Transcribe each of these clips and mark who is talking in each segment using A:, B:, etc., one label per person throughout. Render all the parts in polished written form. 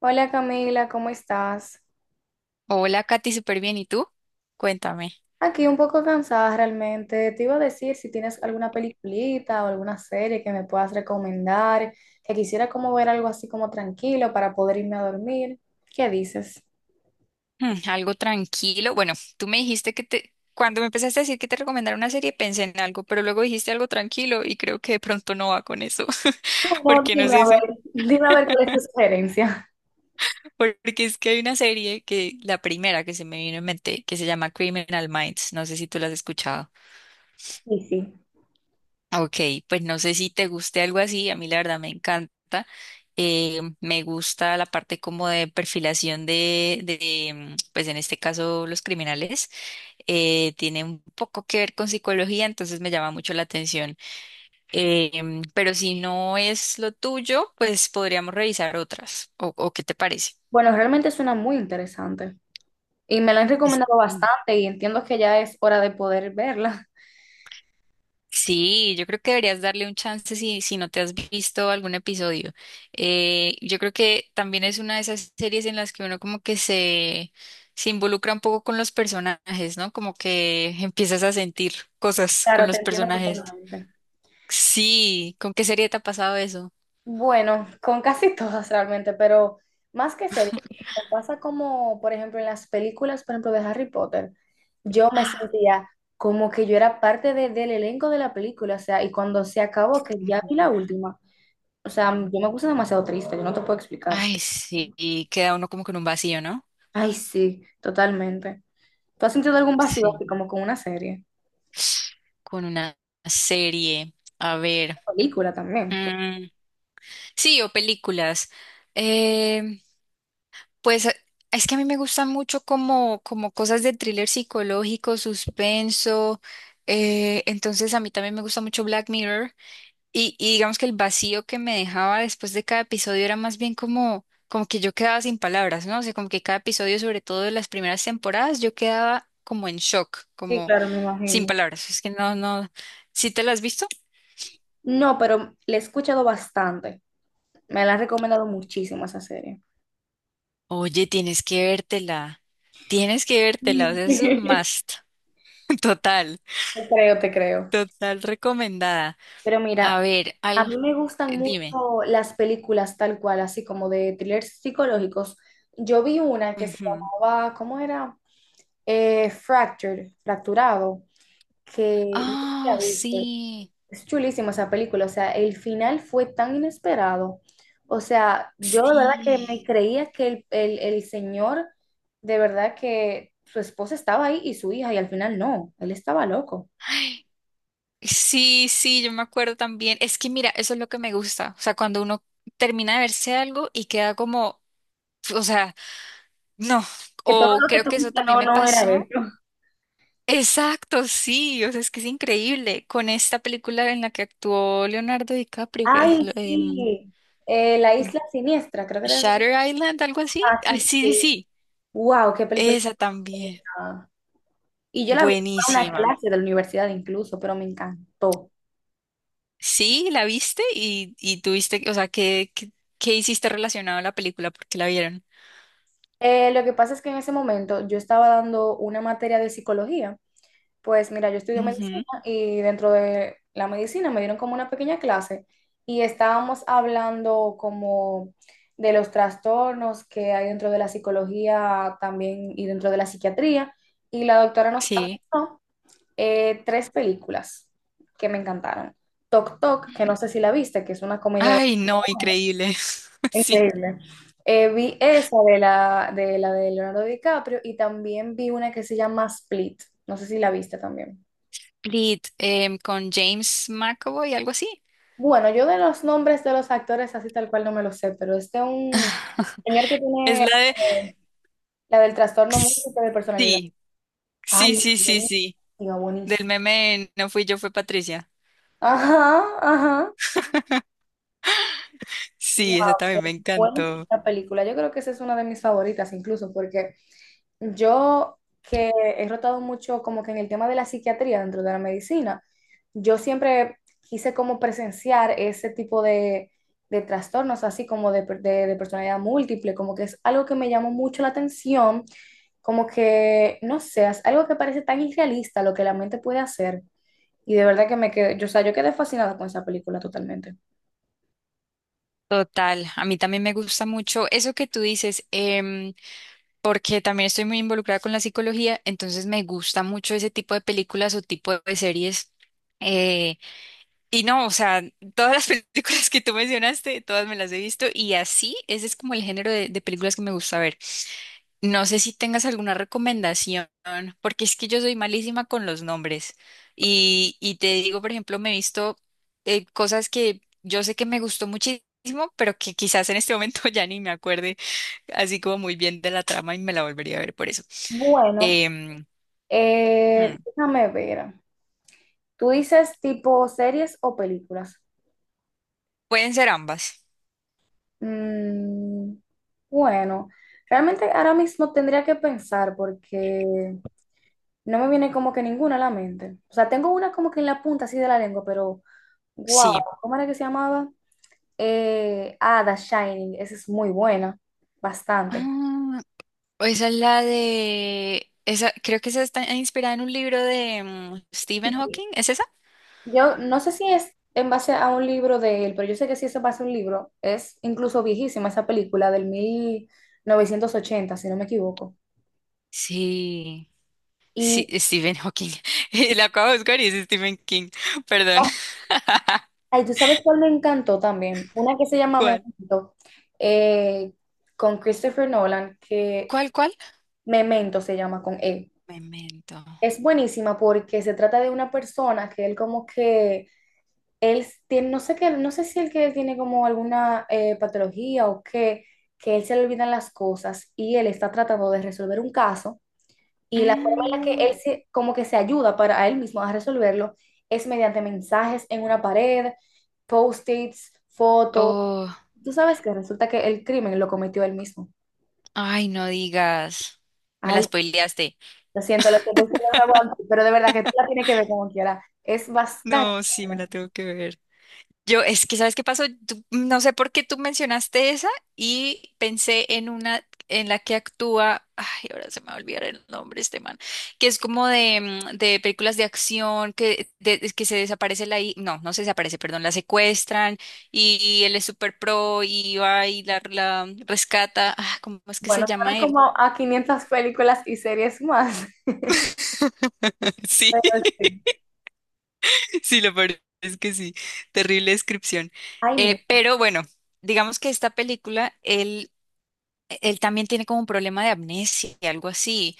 A: Hola Camila, ¿cómo estás?
B: Hola, Katy, súper bien. ¿Y tú? Cuéntame.
A: Aquí un poco cansada realmente. Te iba a decir si tienes alguna peliculita o alguna serie que me puedas recomendar, que quisiera como ver algo así como tranquilo para poder irme a dormir. ¿Qué dices?
B: Algo tranquilo. Bueno, tú me dijiste cuando me empezaste a decir que te recomendara una serie, pensé en algo, pero luego dijiste algo tranquilo y creo que de pronto no va con eso.
A: Bueno,
B: Porque no
A: dime
B: sé
A: a
B: si,
A: ver, Dime a ver cuál es tu sugerencia.
B: porque es que hay una serie la primera que se me vino en mente, que se llama Criminal Minds. No sé si tú la has escuchado.
A: Sí, sí.
B: Ok, pues no sé si te guste algo así. A mí la verdad me encanta. Me gusta la parte como de perfilación de pues en este caso los criminales. Tiene un poco que ver con psicología, entonces me llama mucho la atención. Pero si no es lo tuyo, pues podríamos revisar otras. O qué te parece?
A: Bueno, realmente suena muy interesante y me la han recomendado bastante y entiendo que ya es hora de poder verla.
B: Sí, yo creo que deberías darle un chance si no te has visto algún episodio. Yo creo que también es una de esas series en las que uno como se involucra un poco con los personajes, ¿no? Como que empiezas a sentir cosas con
A: Claro, te
B: los
A: entiendo
B: personajes.
A: totalmente.
B: Sí, ¿con qué serie te ha pasado eso?
A: Bueno, con casi todas realmente, pero más que series, me pasa como, por ejemplo, en las películas, por ejemplo, de Harry Potter, yo me sentía como que yo era parte del elenco de la película, o sea, y cuando se acabó, que ya
B: Ujú.
A: vi la última, o sea, yo me puse demasiado triste, yo no te puedo explicar.
B: Ay, sí, y queda uno como con un vacío, ¿no?
A: Ay, sí, totalmente. ¿Tú has sentido algún vacío
B: Sí.
A: así como con una serie?
B: Con una serie. A ver.
A: Película también, pues.
B: mm, Sí, o películas. Eh, Pues eh, es que a mí me gustan mucho como, como cosas de thriller psicológico, suspenso. Entonces a mí también me gusta mucho Black Mirror. Y digamos que el vacío que me dejaba después de cada episodio era más bien como, como que yo quedaba sin palabras, ¿no? O sea, como que cada episodio, sobre todo de las primeras temporadas, yo quedaba como en shock,
A: Sí,
B: como
A: claro, me
B: sin
A: imagino.
B: palabras. Es que no, no. ¿Sí te la has visto?
A: No, pero le he escuchado bastante. Me la han recomendado muchísimo esa serie.
B: Oye, tienes que vértela. Tienes que vértela. O sea, es un must total.
A: Te creo, te creo.
B: Total recomendada.
A: Pero
B: A
A: mira,
B: ver,
A: a
B: al,
A: mí me gustan
B: Dime.
A: mucho las películas tal cual, así como de thrillers psicológicos. Yo vi una que se
B: Ujú.
A: llamaba, ¿cómo era? Fractured, Fracturado, que no sé si la
B: Ah,
A: viste.
B: sí,
A: Es chulísima esa película, o sea, el final fue tan inesperado. O sea, yo de verdad que me
B: sí.
A: creía que el señor, de verdad que su esposa estaba ahí y su hija, y al final no, él estaba loco.
B: Ay, sí, sí, yo me acuerdo también. Es que mira, eso es lo que me gusta. O sea, cuando uno termina de verse algo y queda como, o sea, no.
A: Que todo
B: O
A: lo que
B: creo
A: tú
B: que eso
A: viste
B: también
A: no,
B: me
A: no era
B: pasó.
A: eso.
B: Exacto, sí. O sea, es que es increíble. Con esta película en la que actuó Leonardo DiCaprio, que es
A: Ay, sí. La Isla Siniestra, creo que era.
B: Shutter Island, algo así.
A: Ah, sí,
B: Ah,
A: sí,
B: sí, sí,
A: sí.
B: sí.
A: Wow, qué película
B: Esa también.
A: bonita. Y yo la vi en una
B: Buenísima.
A: clase de la universidad incluso, pero me encantó.
B: Sí, la viste y tuviste, o sea, ¿ qué hiciste relacionado a la película? Porque la vieron.
A: Lo que pasa es que en ese momento yo estaba dando una materia de psicología. Pues mira, yo estudio
B: Ujú.
A: medicina y dentro de la medicina me dieron como una pequeña clase y estábamos hablando como de los trastornos que hay dentro de la psicología también y dentro de la psiquiatría. Y la doctora nos
B: Sí.
A: apuntó tres películas que me encantaron. Tok Tok, que no sé si la viste, que es una comedia
B: Ay,
A: bastante
B: no, increíble. Sí.
A: increíble. Vi esa de la de Leonardo DiCaprio y también vi una que se llama Split. No sé si la viste también.
B: Con James McAvoy, algo así.
A: Bueno, yo de los nombres de los actores así tal cual no me lo sé, pero este es de un señor que
B: Es
A: tiene
B: la de...
A: la del trastorno múltiple de personalidad.
B: Sí,
A: Ay,
B: sí, sí, sí, sí.
A: buenísima,
B: Del
A: buenísima.
B: meme No fui yo, fue Patricia.
A: Ajá, ajá. Wow,
B: Sí, esa
A: qué
B: también me
A: buena es
B: encantó.
A: esta película. Yo creo que esa es una de mis favoritas incluso, porque yo que he rotado mucho como que en el tema de la psiquiatría dentro de la medicina, yo siempre quise como presenciar ese tipo de trastornos, así como de, de personalidad múltiple, como que es algo que me llamó mucho la atención, como que, no sé, es algo que parece tan irrealista lo que la mente puede hacer. Y de verdad que me quedé, yo, o sea, yo quedé fascinada con esa película totalmente.
B: Total, a mí también me gusta mucho eso que tú dices. Porque también estoy muy involucrada con la psicología, entonces me gusta mucho ese tipo de películas o tipo de series. Eh, y no, o sea, todas las películas que tú mencionaste, todas me las he visto y así, ese es como el género de películas que me gusta ver. No sé si tengas alguna recomendación, porque es que yo soy malísima con los nombres. Y te digo, por ejemplo, me he visto cosas que yo sé que me gustó muchísimo, pero que quizás en este momento ya ni me acuerde así como muy bien de la trama y me la volvería a ver por eso.
A: Bueno,
B: Em, hmm,
A: déjame ver. ¿Tú dices tipo series o películas?
B: Pueden ser ambas,
A: Mm, bueno, realmente ahora mismo tendría que pensar porque no me viene como que ninguna a la mente. O sea, tengo una como que en la punta así de la lengua, pero wow,
B: sí.
A: ¿cómo era que se llamaba? The Shining, esa es muy buena, bastante.
B: Ah, esa es la de... Esa, creo que esa está inspirada en un libro de Stephen Hawking, ¿es esa?
A: Yo no sé si es en base a un libro de él, pero yo sé que sí es en base a un libro. Es incluso viejísima esa película del 1980 si no me equivoco.
B: Sí, sí,
A: Y,
B: Stephen Hawking. Y la acabo de buscar y es Stephen King, perdón.
A: oh, ay, ¿tú sabes cuál me encantó también? Una que se llama
B: ¿Cuál?
A: Memento, eh, con Christopher Nolan, que
B: Cuál?
A: Memento se llama con él.
B: Memento.
A: Es buenísima porque se trata de una persona que él como que él tiene, no sé qué, no sé si él que tiene como alguna patología o qué, que él se le olvidan las cosas y él está tratando de resolver un caso y la forma en la que
B: Mm,
A: él se, como que se ayuda para a él mismo a resolverlo es mediante mensajes en una pared, post-its, fotos.
B: oh,
A: Tú sabes que resulta que el crimen lo cometió él mismo.
B: ay, no digas. Me la
A: Ay,
B: spoileaste.
A: lo siento, sí, lo aguanto, pero de verdad que tú la tienes que ver como quiera. Es bastante
B: No, sí, me la
A: bueno.
B: tengo que ver. Yo, es que, ¿sabes qué pasó? No sé por qué tú mencionaste esa y pensé en una en la que actúa, ay, ahora se me va a olvidar el nombre este man, que es como de películas de acción, es que se desaparece no, no se desaparece, perdón, la secuestran y él es super pro y va y la rescata. Ah, ¿cómo es que se
A: Bueno, suena
B: llama él?
A: como a 500 películas y series más.
B: Sí,
A: Pero sí,
B: sí, lo peor es que sí, terrible descripción.
A: ahí mismo.
B: Pero bueno. Digamos que esta película, él también tiene como un problema de amnesia, y algo así.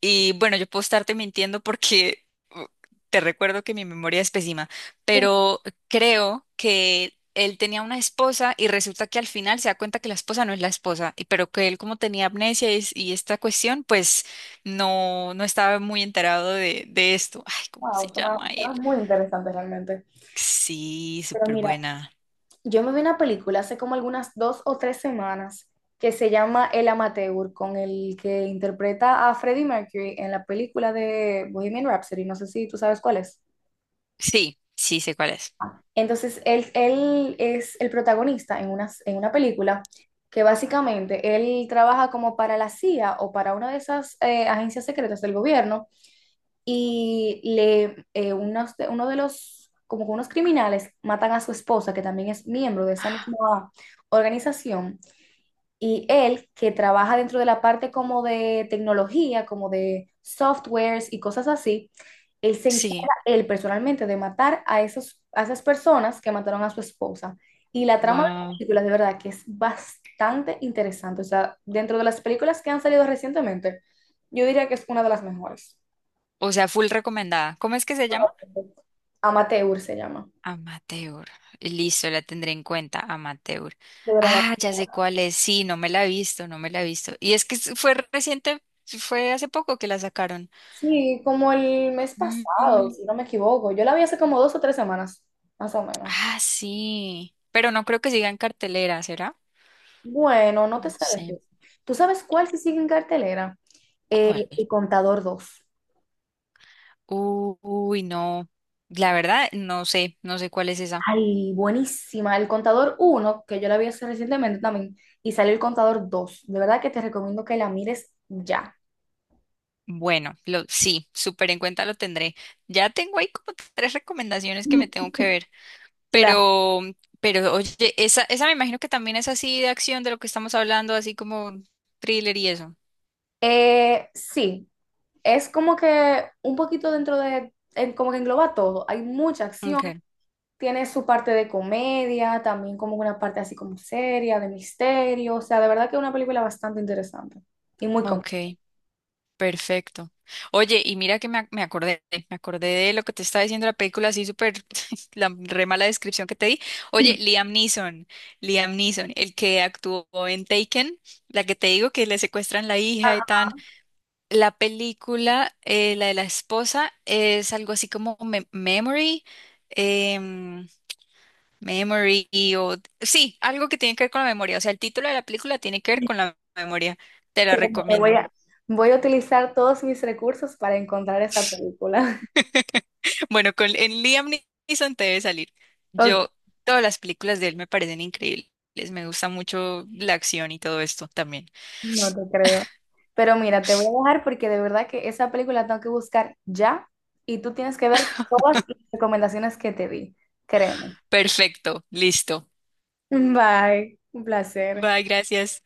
B: Y bueno, yo puedo estarte mintiendo porque uh, te recuerdo que mi memoria es pésima,
A: Dije,
B: pero creo que él tenía una esposa y resulta que al final se da cuenta que la esposa no es la esposa, pero que él como tenía amnesia y esta cuestión, pues no, no estaba muy enterado de esto. Ay, ¿cómo se
A: Wow, suena,
B: llama
A: suena
B: él?
A: muy interesante realmente.
B: Sí,
A: Pero
B: súper
A: mira,
B: buena.
A: yo me vi una película hace como algunas 2 o 3 semanas que se llama El Amateur, con el que interpreta a Freddie Mercury en la película de Bohemian Rhapsody. No sé si tú sabes cuál es.
B: Sí, sí, sé cuál es.
A: Entonces, él es el protagonista en una, película que básicamente él trabaja como para la CIA o para una de esas agencias secretas del gobierno y le, uno de los, como que unos criminales matan a su esposa, que también es miembro de esa misma organización, y él, que trabaja dentro de la parte como de tecnología, como de softwares y cosas así, él se encarga,
B: Sí,
A: él personalmente, de matar a esos, a esas personas que mataron a su esposa. Y la trama de las
B: wow.
A: películas, de verdad, que es bastante interesante. O sea, dentro de las películas que han salido recientemente, yo diría que es una de las mejores.
B: O sea, full recomendada. ¿Cómo es que se llama?
A: Amateur se llama
B: Amateur. Listo, la tendré en cuenta, amateur.
A: de
B: Ah,
A: grabación.
B: ya sé cuál es. Sí, no me la he visto, no me la he visto. Y es que fue reciente, fue hace poco que la sacaron.
A: Sí, como el mes pasado,
B: Mm,
A: si no me equivoco. Yo la vi hace como 2 o 3 semanas, más o menos.
B: ah, sí. Pero no creo que siga en cartelera, ¿será?
A: Bueno, no te
B: No
A: sé decir.
B: sé.
A: ¿Tú sabes cuál se sigue en cartelera?
B: ¿Cuál?
A: El Contador dos.
B: Uy, no. La verdad, no sé, no sé cuál es esa.
A: Ay, buenísima. El Contador uno que yo la vi hace recientemente también, y salió El Contador dos. De verdad que te recomiendo que la mires ya.
B: Bueno, lo, sí, súper en cuenta lo tendré. Ya tengo ahí como 3 recomendaciones que me tengo que ver.
A: Claro.
B: Pero, pero oye, esa me imagino que también es así de acción de lo que estamos hablando, así como thriller y eso.
A: Sí, es como que un poquito dentro de, como que engloba todo. Hay mucha acción,
B: Okay,
A: tiene su parte de comedia, también como una parte así como seria, de misterio. O sea, de verdad que es una película bastante interesante y muy completa.
B: okay, perfecto. Oye, y mira que me acordé de lo que te estaba diciendo la película, así súper, la re mala descripción que te di. Oye, Liam Neeson, Liam Neeson, el que actuó en Taken, la que te digo que le secuestran la hija y tan. La película, la de la esposa, es algo así como Memory. em, Memory o... Sí, algo que tiene que ver con la memoria. O sea, el título de la película tiene que ver con la memoria. Te la
A: Créeme que Voy
B: recomiendo.
A: a, voy a utilizar todos mis recursos para encontrar esa película.
B: Bueno, con en Liam Neeson te debe salir.
A: Ok,
B: Yo, todas las películas de él me parecen increíbles. Me gusta mucho la acción y todo esto también.
A: no te creo. Pero mira, te voy a dejar porque de verdad que esa película tengo que buscar ya y tú tienes que ver todas las recomendaciones que te di. Créeme.
B: Perfecto, listo.
A: Bye, un placer.
B: Bye, gracias.